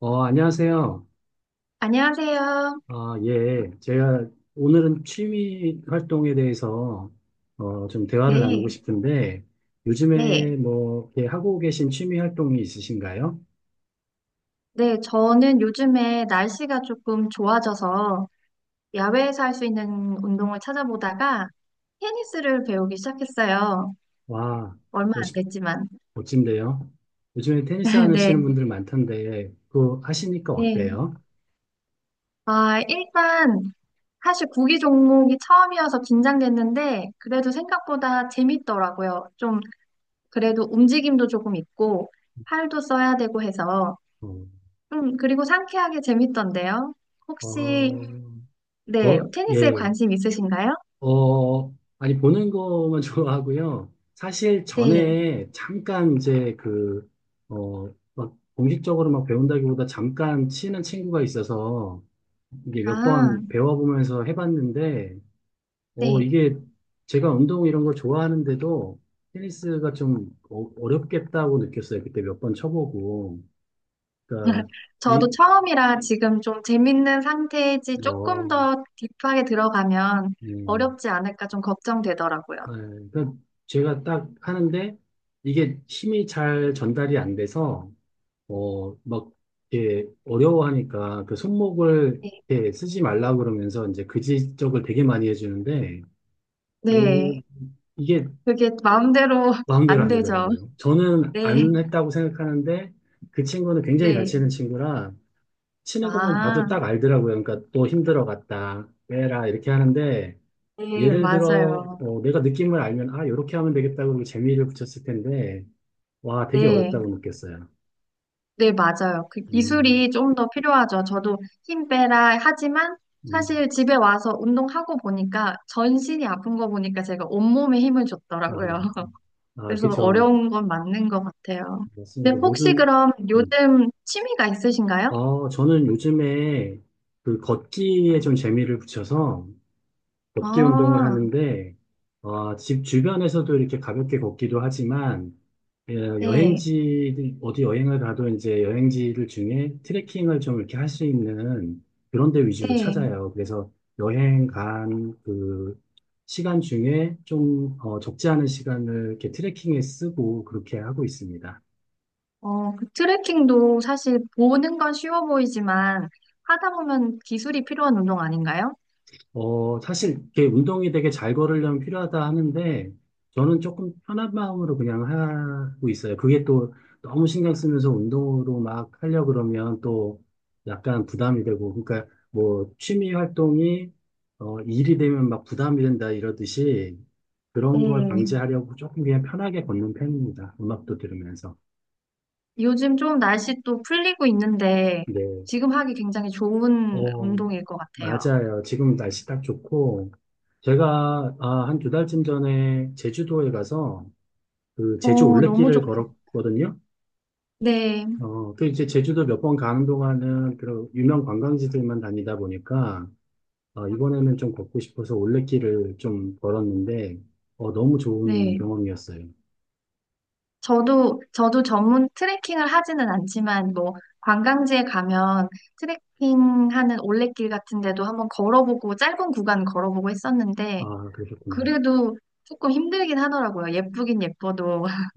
안녕하세요. 안녕하세요. 예. 제가 오늘은 취미 활동에 대해서 좀 대화를 나누고 네, 싶은데 네, 요즘에 뭐 이렇게 하고 계신 취미 활동이 있으신가요? 네. 저는 요즘에 날씨가 조금 좋아져서 야외에서 할 수 있는 운동을 찾아보다가 테니스를 배우기 시작했어요. 와, 얼마 멋- 안 됐지만. 멋진데요. 요즘에 테니스 네, 하시는 분들 많던데 그거 하시니까 네. 어때요? 아, 일단 사실 구기 종목이 처음이어서 긴장됐는데 그래도 생각보다 재밌더라고요. 좀 그래도 움직임도 조금 있고 팔도 써야 되고 해서 어, 그리고 상쾌하게 재밌던데요. 혹시 어, 네, 테니스에 예. 관심 있으신가요? 어, 아니, 보는 거만 좋아하고요. 사실 네. 전에 잠깐 이제 그, 어, 막 공식적으로 막 배운다기보다 잠깐 치는 친구가 있어서 이게 몇 아, 번 배워보면서 해봤는데, 네. 이게 제가 운동 이런 걸 좋아하는데도 테니스가 좀 어렵겠다고 느꼈어요. 그때 몇 번 쳐보고. 그러니까, 저도 이, 처음이라 지금 좀 재밌는 상태이지 조금 어, 더 딥하게 들어가면 네. 어렵지 않을까 좀 걱정되더라고요. 네, 그러니까 제가 딱 하는데 이게 힘이 잘 전달이 안 돼서 막 이렇게 어려워하니까 그 손목을 네. 이렇게 쓰지 말라고 그러면서 이제 그 지적을 되게 많이 해주는데 오, 네. 이게 그게 마음대로 마음대로 안 안 되죠. 되더라고요. 저는 네. 안 했다고 생각하는데 그 친구는 굉장히 잘 네. 치는 친구라 치는 것만 아, 봐도 딱 알더라고요. 그러니까 또 힘들어 갔다 빼라 이렇게 하는데 네, 예를 들어, 맞아요. 내가 느낌을 알면, 아, 이렇게 하면 되겠다, 고면 재미를 붙였을 텐데, 와, 되게 어렵다고 네. 느꼈어요. 네, 맞아요. 그 음, 기술이 좀 더 필요하죠. 저도 힘 빼라 하지만 음, 사실 집에 와서 운동하고 보니까 전신이 아픈 거 보니까 제가 온몸에 힘을 아, 줬더라고요. 아, 그래서 그쵸. 어려운 건 맞는 것 같아요. 근데 맞습니다. 혹시 모든, 그럼 음. 요즘 취미가 있으신가요? 저는 요즘에 그 걷기에 좀 재미를 붙여서, 걷기 운동을 아, 하는데, 집 주변에서도 이렇게 가볍게 걷기도 하지만, 예, 네, 여행지, 어디 여행을 가도 이제 여행지들 중에 트레킹을 좀 이렇게 할 수 있는 그런 데 위주로 네. 찾아요. 그래서 여행 간 그 시간 중에 좀, 적지 않은 시간을 이렇게 트레킹에 쓰고 그렇게 하고 있습니다. 어, 그 트레킹도 사실 보는 건 쉬워 보이지만 하다 보면 기술이 필요한 운동 아닌가요? 사실 이게 운동이 되게 잘 걸으려면 필요하다 하는데 저는 조금 편한 마음으로 그냥 하고 있어요. 그게 또 너무 신경 쓰면서 운동으로 막 하려 그러면 또 약간 부담이 되고 그러니까 뭐 취미 활동이 일이 되면 막 부담이 된다 이러듯이 그런 걸 네. 방지하려고 조금 그냥 편하게 걷는 편입니다. 음악도 들으면서. 요즘 좀 날씨 또 풀리고 있는데 네. 지금 하기 굉장히 좋은 어, 운동일 것 같아요. 맞아요. 지금 날씨 딱 좋고, 제가 한 두 달쯤 전에 제주도에 가서 그 제주 어, 너무 올레길을 좋, 걸었거든요. 네, 그 이제 제주도 몇 번 가는 동안은 그런 유명 관광지들만 다니다 보니까, 이번에는 좀 걷고 싶어서 올레길을 좀 걸었는데, 너무 좋은 네. 경험이었어요. 저도 전문 트레킹을 하지는 않지만 뭐 관광지에 가면 트레킹하는 올레길 같은 데도 한번 걸어보고 짧은 구간 걸어보고 했었는데 아, 그러셨구나. 그래도 조금 힘들긴 하더라고요. 예쁘긴 예뻐도.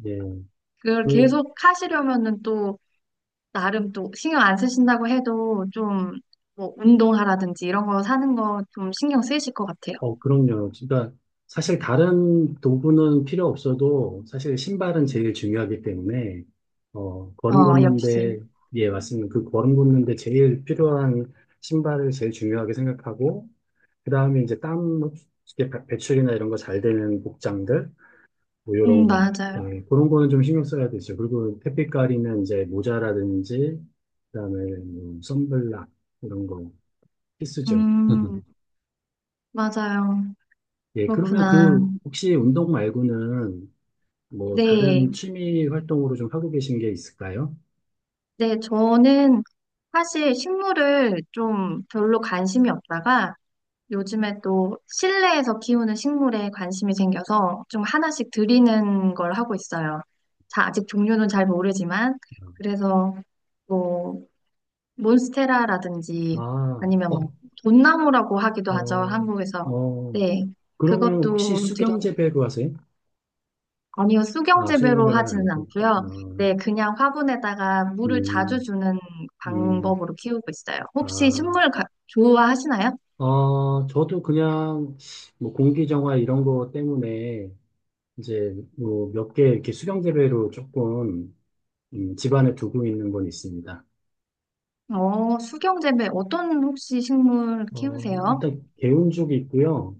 그걸 예. 계속 하시려면은 또 나름 또 신경 안 쓰신다고 해도 좀 뭐 운동하라든지 이런 거 사는 거 좀 신경 쓰이실 것 같아요. 그럼요. 그러니까 사실 다른 도구는 필요 없어도 사실 신발은 제일 중요하기 때문에 걸음 어, 걷는데 역시. 예, 맞습니다. 그 걸음 걷는데 제일 필요한 신발을 제일 중요하게 생각하고 그다음에 이제 땀 흡수제 배출이나 이런 거 잘 되는 복장들 뭐 이런 거 맞아요. 예, 그런 거는 좀 신경 써야 되죠. 그리고 햇빛 가리는 이제 모자라든지 그다음에 뭐 선블락 이런 거 필수죠. 음, 맞아요. 예, 그러면 그렇구나. 그, 혹시 운동 말고는 뭐 네. 다른 취미 활동으로 좀 하고 계신 게 있을까요? 네, 저는 사실 식물을 좀 별로 관심이 없다가 요즘에 또 실내에서 키우는 식물에 관심이 생겨서 좀 하나씩 들이는 걸 하고 있어요. 자, 아직 종류는 잘 모르지만 그래서 뭐 몬스테라라든지 아, 아니면 어, 뭐 돈나무라고 하기도 하죠. 어, 한국에서. 어, 네. 그러면 혹시 그것도 들여 수경재배로 하세요? 아니요. 아, 수경재배로 수경재배는 하지는 아니고, 않고요. 네, 그냥 화분에다가 물을 자주 음, 주는 음, 방법으로 키우고 있어요. 아, 혹시 좋아하시나요? 저도 그냥 뭐 공기정화 이런 거 때문에 이제 뭐 몇 개 이렇게 수경재배로 조금 집안에 두고 있는 건 있습니다. 어, 수경재배 어떤 혹시 식물 키우세요? 일단 개운죽이 있고요.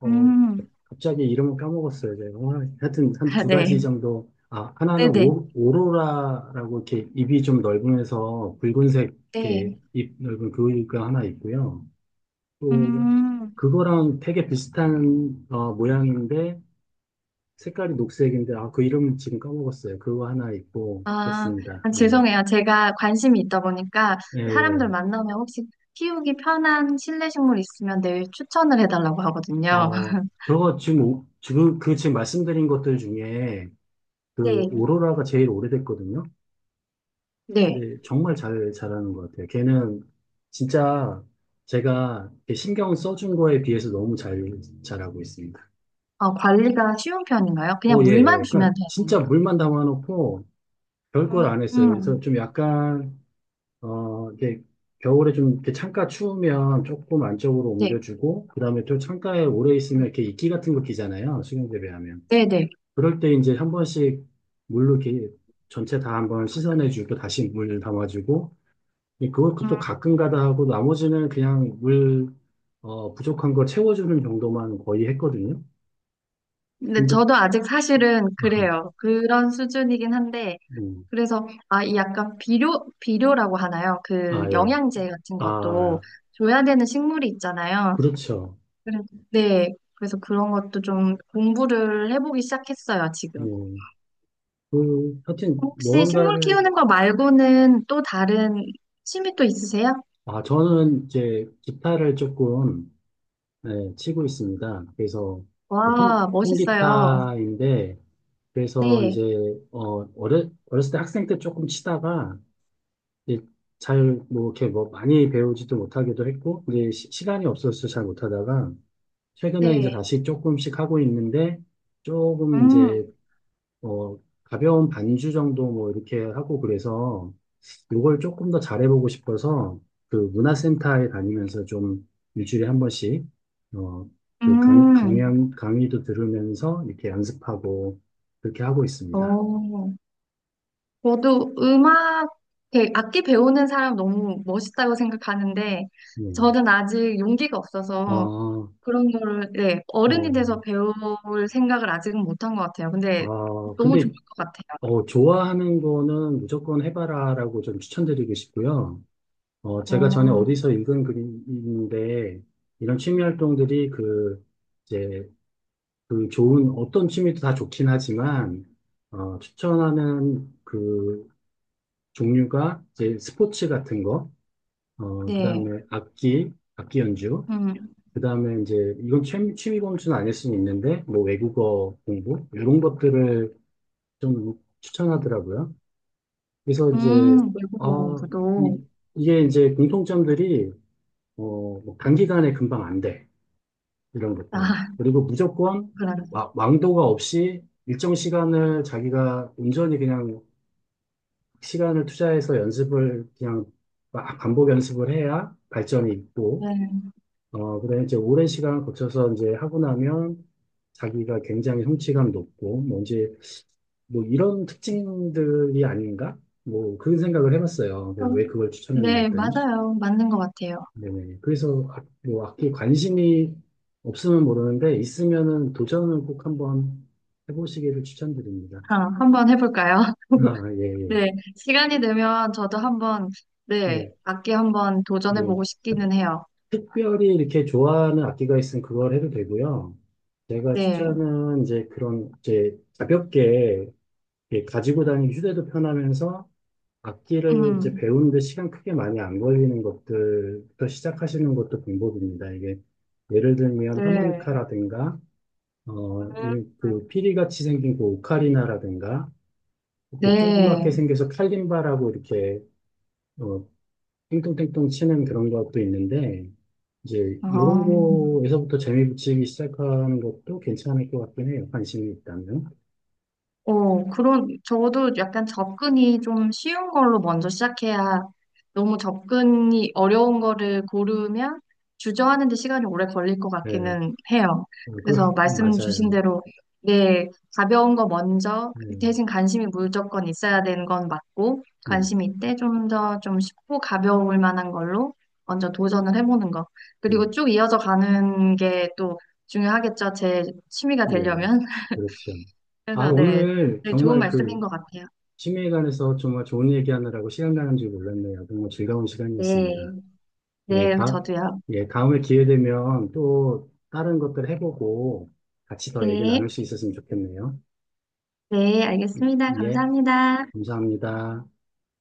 어, 음, 갑자기 이름을 까먹었어요, 제가. 오늘 하여튼 한 아, 두 가지 네. 정도. 아, 하나는 네네. 오로라라고 이렇게 입이 좀 넓으면서 붉은색 이렇게 네. 입 넓은 그이가 하나 있고요. 또 음. 그거랑 되게 비슷한 모양인데 색깔이 녹색인데 아, 그 이름은 지금 까먹었어요. 그거 하나 있고 아, 그렇습니다. 예. 죄송해요. 제가 관심이 있다 보니까 예. 사람들 예. 만나면 혹시 키우기 편한 실내 식물 있으면 늘 추천을 해달라고 하거든요. 저거 지금 그 지금 말씀드린 것들 중에 그 네, 오로라가 제일 오래됐거든요. 네. 네, 정말 잘하는 것 같아요. 걔는 진짜 제가 이렇게 신경 써준 거에 비해서 너무 잘하고 있습니다. 어, 관리가 쉬운 편인가요? 그냥 오, 예. 물만 예. 주면 그러니까 되는. 진짜 물만 담아놓고 별 걸 안 했어요. 그래서 음, 좀 약간, 이게 겨울에 좀 이렇게 창가 추우면 조금 안쪽으로 네, 옮겨주고, 그 다음에 또 창가에 오래 있으면 이렇게 이끼 같은 거 끼잖아요. 수경재배하면. 네, 네. 그럴 때 이제 한 번씩 물로 이렇게 전체 다 한번 씻어내주고, 다시 물 담아주고, 예, 음, 그것도 가끔가다 하고 나머지는 그냥 물 부족한 거 채워주는 정도만 거의 했거든요. 근데 근데 저도 아직 사실은 그래요. 그런 수준이긴 한데, 음, 그래서, 아, 이 약간 비료, 비료라고 하나요? 그 아, 예. 영양제 같은 것도 아, 줘야 되는 식물이 있잖아요. 그렇죠. 그래서, 네. 그래서 그런 것도 좀 공부를 해보기 시작했어요, 지금. 음, 그, 하여튼, 혹시 식물 무언가를, 키우는 거 말고는 또 다른 취미 또 있으세요? 아, 저는 이제 기타를 조금, 예, 치고 있습니다. 그래서, 그 통, 와, 멋있어요. 통기타인데, 그래서 네, 이제, 어렸을 때 학생 때 조금 치다가, 이제 잘, 뭐, 이렇게 뭐, 많이 배우지도 못하기도 했고, 이제 시, 간이 없어서 잘 못하다가, 최근에 이제 네. 다시 조금씩 하고 있는데, 조금 이제, 음, 어, 가벼운 반주 정도 뭐, 이렇게 하고 그래서, 요걸 조금 더 잘해보고 싶어서, 그 문화센터에 다니면서 좀 일주일에 한 번씩, 어, 그 음. 강의도 들으면서 이렇게 연습하고, 그렇게 하고 있습니다. 어, 저도 음악, 악기 배우는 사람 너무 멋있다고 생각하는데, 네. 저는 아직 용기가 아, 없어서 그런 거를, 네, 어른이 돼서 배울 생각을 아직은 못한 것 같아요. 근데 너무 좋을 근데 것 같아요. 좋아하는 거는 무조건 해봐라라고 좀 추천드리고 싶고요. 제가 전에 어, 어디서 읽은 글인데, 이런 취미 활동들이 그, 이제, 그 좋은, 어떤 취미도 다 좋긴 하지만, 추천하는 그 종류가 이제 스포츠 같은 거, 그 네. 다음에 악기 연주, 음. 그 다음에 이제, 이건 취미 범주는 아닐 수는 있는데, 뭐 외국어 공부, 이런 것들을 좀 추천하더라고요. 그래서 이제, 외국어 아, 이, 공부도. 게 이제 공통점들이, 뭐 단기간에 금방 안 돼. 이런 것들. 아, 그리고 무조건 그러네. 왕도가 없이 일정 시간을 자기가 온전히 그냥 시간을 투자해서 연습을 그냥 막 반복 연습을 해야 발전이 있고, 네. 그래 이제 오랜 시간 거쳐서 이제 하고 나면 자기가 굉장히 성취감 높고, 뭔지 뭐 이런 특징들이 아닌가? 뭐 그런 생각을 해봤어요. 그래서 왜 좀, 그걸 추천했나 네, 했더니 맞아요. 맞는 것 같아요. 네네. 그래서 뭐 악기 관심이 없으면 모르는데 있으면은 도전을 꼭 한번 해보시기를 추천드립니다. 아, 한번 해볼까요? 아, 예, 예, 네. 시간이 되면 저도 한번, 네, 예, 악기 한번 예. 도전해보고 싶기는 해요. 특별히 이렇게 좋아하는 악기가 있으면 그걸 해도 되고요. 제가 네. 추천은 이제 그런 이제 가볍게 이렇게 가지고 다니기 휴대도 편하면서 악기를 이제 음, 배우는데 시간 크게 많이 안 걸리는 것들부터 시작하시는 것도 방법입니다. 이게 예를 들면 네. 하모니카라든가 그 피리같이 생긴 그 오카리나라든가 이렇게 조그맣게 네. 생겨서 칼림바라고 이렇게 어, 띵동띵동 치는 그런 것도 있는데 이제 이런 어. 거에서부터 재미 붙이기 시작하는 것도 괜찮을 것 같긴 해요. 관심이 있다면. 어, 그런, 저도 약간 접근이 좀 쉬운 걸로 먼저 시작해야 너무 접근이 어려운 거를 고르면 주저하는 데 시간이 오래 걸릴 것 네, 같기는 해요. 그 그래서 말씀 맞아요. 주신 대로, 네, 가벼운 거 먼저, 네, 대신 관심이 무조건 있어야 되는 건 맞고, 네, 네, 관심이 있대 좀 더 좀 쉽고 가벼울 만한 걸로 먼저 도전을 해보는 거. 그리고 쭉 이어져 가는 게 또 중요하겠죠. 제 취미가 예, 되려면. 그렇죠. 아, 그래서 네, 오늘 네, 좋은 정말 말씀인 그 것 같아요. 취미에 관해서 정말 좋은 얘기하느라고 시간 가는 줄 몰랐네요. 정말 즐거운 시간이었습니다. 네, 예, 네, 저도요. 다음에 기회 되면 또 다른 것들 해보고 같이 더 얘기 네, 나눌 수 있었으면 좋겠네요. 네, 알겠습니다. 예, 감사합니다. 감사합니다.